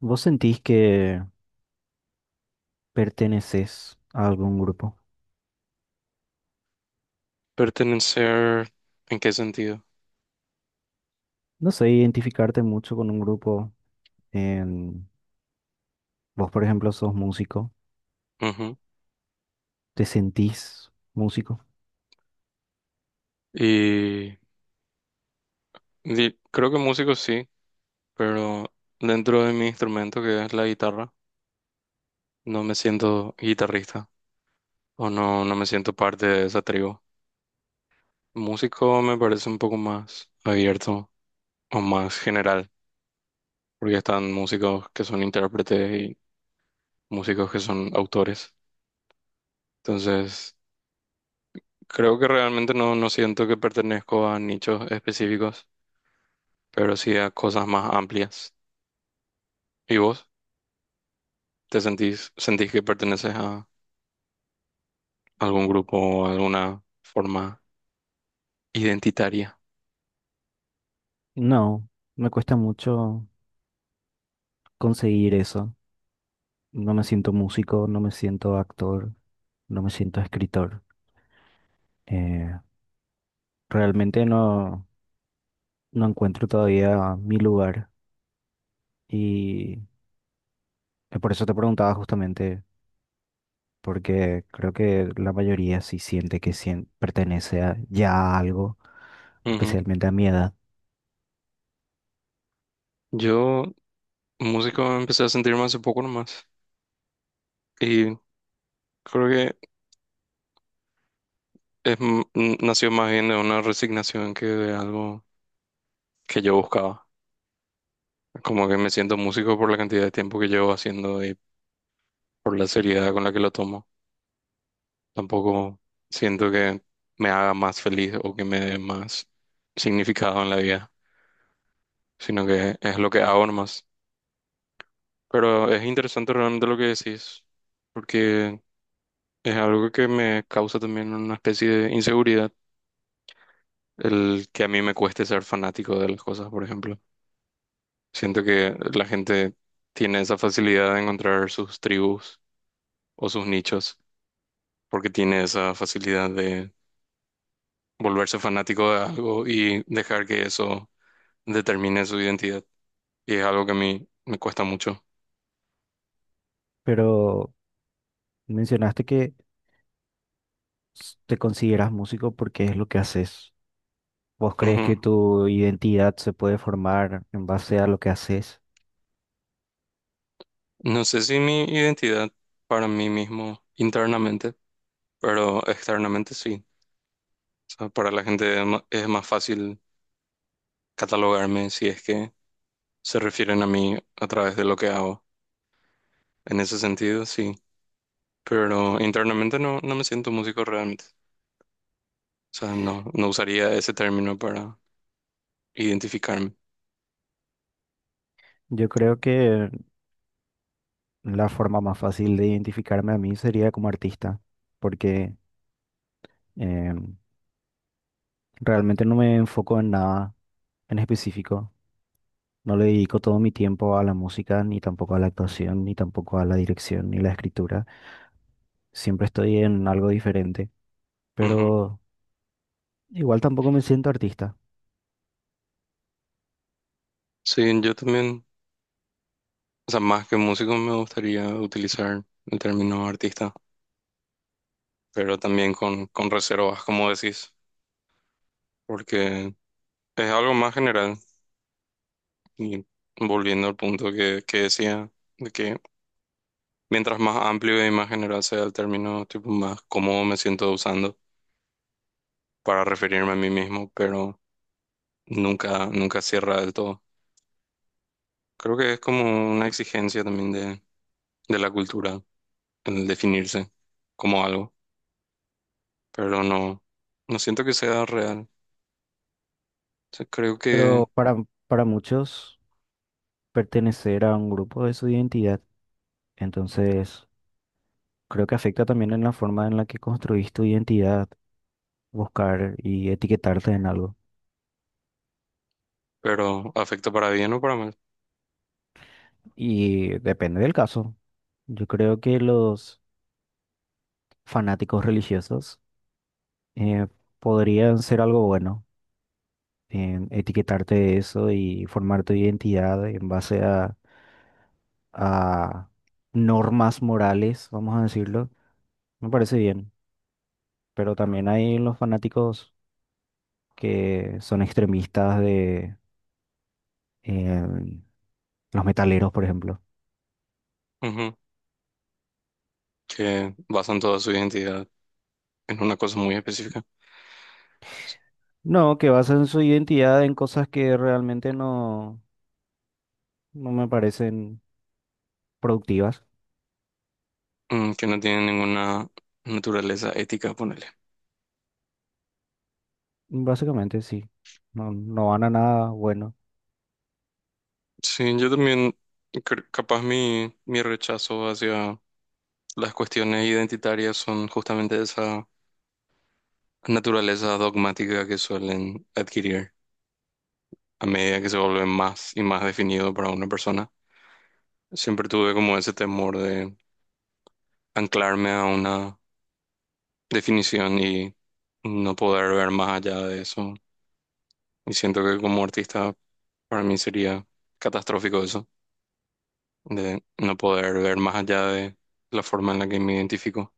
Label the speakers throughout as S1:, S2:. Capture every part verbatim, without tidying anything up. S1: ¿Vos sentís que perteneces a algún grupo?
S2: Pertenecer, ¿en qué sentido?
S1: No sé, identificarte mucho con un grupo. en- Vos, por ejemplo, sos músico.
S2: Ujú.
S1: ¿Te sentís músico?
S2: Y, di- Creo que músico sí, pero dentro de mi instrumento, que es la guitarra, no me siento guitarrista o no, no me siento parte de esa tribu. Músico me parece un poco más abierto o más general, porque están músicos que son intérpretes y músicos que son autores. Entonces, creo que realmente no, no siento que pertenezco a nichos específicos, pero sí a cosas más amplias. ¿Y vos? ¿Te sentís, sentís que perteneces a algún grupo o alguna forma identitaria?
S1: No, me cuesta mucho conseguir eso. No me siento músico, no me siento actor, no me siento escritor. Eh, realmente no, no encuentro todavía mi lugar y eh, por eso te preguntaba justamente porque creo que la mayoría sí siente que sien- pertenece a, ya a algo,
S2: Ujú.
S1: especialmente a mi edad.
S2: Yo, músico, empecé a sentirme hace poco nomás. Y creo que es, m- n- nació más bien de una resignación que de algo que yo buscaba. Como que me siento músico por la cantidad de tiempo que llevo haciendo y por la seriedad con la que lo tomo. Tampoco siento que me haga más feliz o que me dé más significado en la vida, sino que es lo que hago nomás. Pero es interesante realmente lo que decís, porque es algo que me causa también una especie de inseguridad, el que a mí me cueste ser fanático de las cosas, por ejemplo. Siento que la gente tiene esa facilidad de encontrar sus tribus o sus nichos, porque tiene esa facilidad de volverse fanático de algo y dejar que eso determine su identidad. Y es algo que a mí me cuesta mucho.
S1: Pero mencionaste que s- te consideras músico porque es lo que haces. ¿Vos crees que
S2: Ujú.
S1: tu identidad se puede formar en base a lo que haces?
S2: No sé si mi identidad para mí mismo internamente, pero externamente sí. O sea, para la gente es ma- es más fácil catalogarme si es que se refieren a mí a través de lo que hago. En ese sentido, sí. Pero internamente no, no me siento músico realmente. O sea, no, no usaría ese término para identificarme.
S1: Yo creo que la forma más fácil de identificarme a mí sería como artista, porque em, realmente no me enfoco en nada en específico. No le dedico todo mi tiempo a la música, ni tampoco a la actuación, ni tampoco a la dirección, ni la escritura. Siempre estoy en algo diferente,
S2: Ujú.
S1: pero igual tampoco me siento artista.
S2: Sí, yo también, o sea, más que músico me gustaría utilizar el término artista, pero también con, con reservas, como decís, porque es algo más general. Y volviendo al punto que, que decía, de que mientras más amplio y más general sea el término, tipo más cómodo me siento usando para referirme a mí mismo, pero nunca, nunca cierra del todo. Creo que es como una exigencia también de, de la cultura, el definirse como algo, pero no, no siento que sea real. O sea, creo que,
S1: Pero para, para muchos, pertenecer a un grupo es su identidad. Entonces, creo que afecta también en la forma en la que construís tu identidad, buscar y etiquetarte en algo.
S2: pero afecta para bien o para mal.
S1: Y depende del caso. Yo creo que los fanáticos religiosos eh, podrían ser algo bueno en etiquetarte de eso y formar tu identidad en base a, a normas morales, vamos a decirlo, me parece bien. Pero también hay los fanáticos que son extremistas de eh, los metaleros, por ejemplo.
S2: Ujú. Que basan toda su identidad en una cosa muy específica,
S1: No, que basan su identidad en cosas que realmente no, no me parecen productivas.
S2: mm, que no tiene ninguna naturaleza ética, ponerle.
S1: Básicamente, sí. No, no van a nada bueno.
S2: Sí, yo también, cre- capaz mi, mi rechazo hacia las cuestiones identitarias son justamente de esa naturaleza dogmática que suelen adquirir a medida que se vuelve más y más definido para una persona. Siempre tuve como ese temor de anclarme a una definición y no poder ver más allá de eso. Y siento que como artista para mí sería catastrófico eso, de no poder ver más allá de la forma en la que me identifico.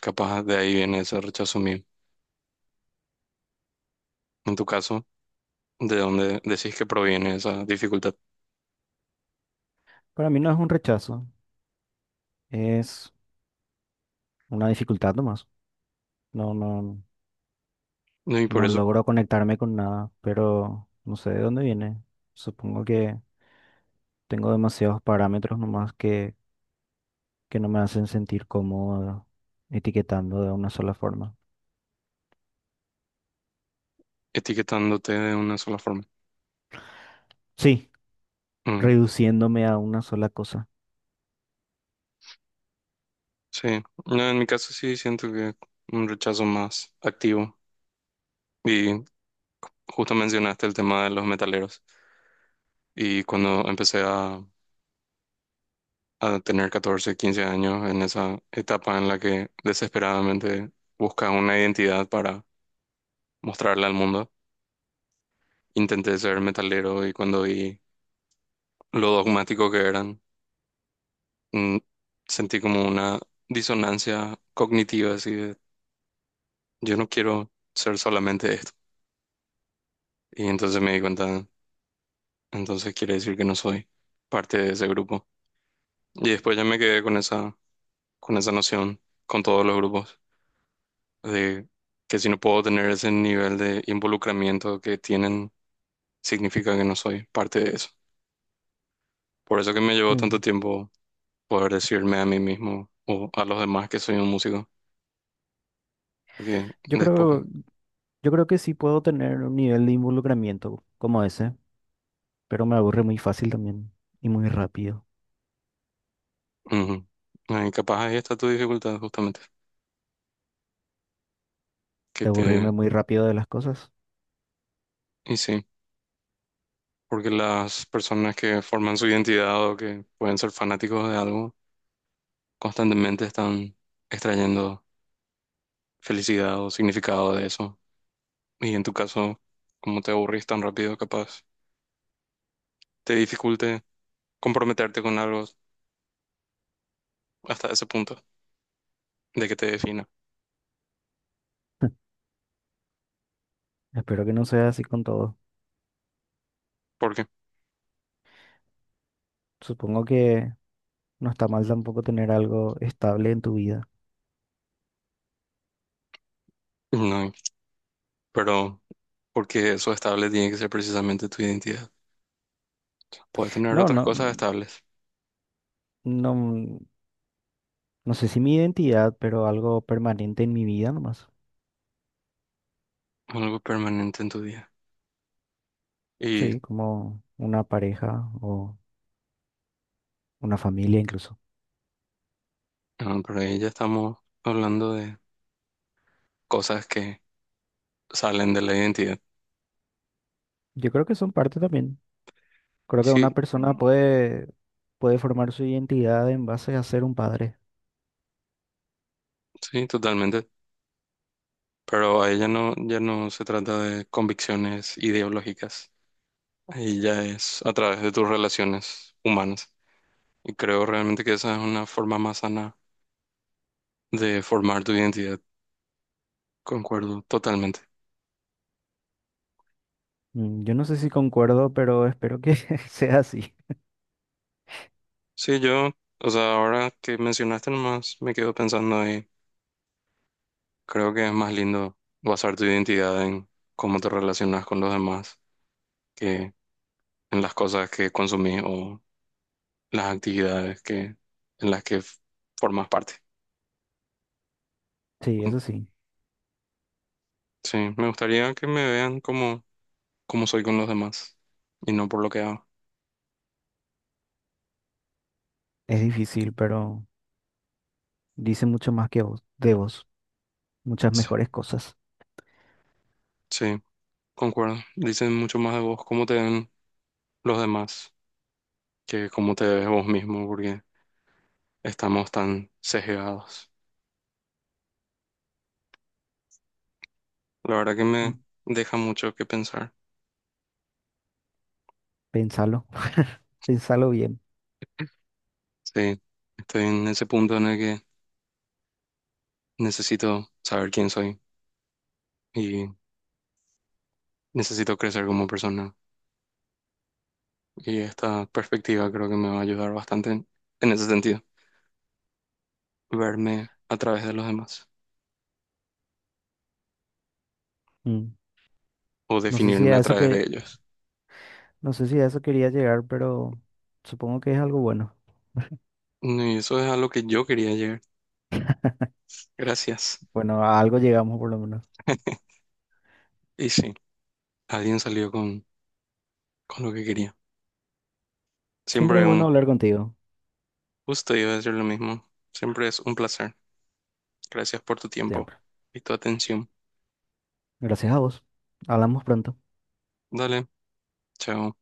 S2: Capaz de ahí viene ese rechazo mío. En tu caso, ¿de dónde decís que proviene esa dificultad?
S1: Para mí no es un rechazo, es una dificultad nomás. No, no.
S2: No, y por
S1: No
S2: eso
S1: logro conectarme con nada, pero no sé de dónde viene. Supongo que tengo demasiados parámetros nomás que, que no me hacen sentir cómodo etiquetando de una sola forma.
S2: etiquetándote de una sola forma.
S1: Sí,
S2: Mm,
S1: reduciéndome a una sola cosa.
S2: sí, no, en mi caso sí siento que un rechazo más activo. Y justo mencionaste el tema de los metaleros. Y cuando empecé a, a tener catorce quince años, en esa etapa en la que desesperadamente buscas una identidad para mostrarla al mundo, intenté ser metalero y cuando vi lo dogmático que eran, mm, sentí como una disonancia cognitiva, así de, yo no quiero ser solamente esto. Y entonces me di cuenta, entonces quiere decir que no soy parte de ese grupo. Y después ya me quedé con esa, con esa noción, con todos los grupos, de que si no puedo tener ese nivel de involucramiento que tienen, significa que no soy parte de eso. Por eso que me llevó tanto
S1: Mm.
S2: tiempo poder decirme a mí mismo o a los demás que soy un músico, porque
S1: Yo
S2: después...
S1: creo, yo creo que sí puedo tener un nivel de involucramiento como ese, pero me aburre muy fácil también y muy rápido.
S2: Ujú. Ay, capaz ahí está tu dificultad justamente, que
S1: De aburrirme
S2: te...
S1: muy rápido de las cosas.
S2: Y sí, porque las personas que forman su identidad o que pueden ser fanáticos de algo, constantemente están extrayendo felicidad o significado de eso. Y en tu caso, como te aburrís tan rápido, capaz te dificulte comprometerte con algo hasta ese punto de que te defina.
S1: Espero que no sea así con todo.
S2: ¿Por qué?
S1: Supongo que no está mal tampoco tener algo estable en tu vida.
S2: No, pero porque eso estable tiene que ser precisamente tu identidad. Puedes tener
S1: No,
S2: otras cosas
S1: no,
S2: estables,
S1: no, no sé si mi identidad, pero algo permanente en mi vida nomás.
S2: algo permanente en tu día. Y
S1: Sí, como una pareja o una familia incluso.
S2: no, pero ahí ya estamos hablando de cosas que salen de la identidad.
S1: Yo creo que son parte también.
S2: Y
S1: Creo que
S2: sí,
S1: una persona
S2: mm,
S1: puede, puede formar su identidad en base a ser un padre.
S2: sí, totalmente. Pero ahí ya no, ya no se trata de convicciones ideológicas. Ahí ya es a través de tus relaciones humanas. Y creo realmente que esa es una forma más sana de formar tu identidad. Concuerdo totalmente.
S1: Mm. Yo no sé si concuerdo, pero espero que sea así.
S2: Sí, yo, o sea, ahora que mencionaste nomás, me quedo pensando ahí. Creo que es más lindo basar tu identidad en cómo te relacionas con los demás, que en las cosas que consumís o las actividades que, en las que f- formas parte.
S1: Sí,
S2: Mm.
S1: eso sí.
S2: Sí, me gustaría que me vean como, como soy con los demás y no por lo que hago.
S1: Es difícil, pero dice mucho más que vos, de vos. Muchas
S2: Sí,
S1: mejores cosas.
S2: sí, concuerdo. Dicen mucho más de vos cómo te ven los demás que cómo te ves vos mismo, porque estamos tan sesgados. La verdad que me
S1: Mm.
S2: deja mucho que pensar.
S1: Pensalo. Pensalo bien.
S2: Sí, estoy en ese punto en el que necesito saber quién soy y necesito crecer como persona. Y esta perspectiva creo que me va a ayudar bastante en, en ese sentido, verme a través de los demás
S1: Mm.
S2: o
S1: No sé si
S2: definirme
S1: a
S2: a
S1: eso
S2: través de
S1: que
S2: ellos.
S1: No sé si a eso quería llegar, pero supongo que es algo bueno.
S2: Mm, y eso es a lo que yo quería llegar. Gracias.
S1: Bueno, a algo llegamos por lo menos.
S2: Y sí, alguien salió con, con lo que quería.
S1: Siempre es
S2: Siempre
S1: bueno
S2: un
S1: hablar contigo,
S2: gusto, iba a decir lo mismo. Siempre es un placer. Gracias por tu tiempo
S1: siempre.
S2: y tu atención.
S1: Gracias a vos. Hablamos pronto.
S2: Dale, chao.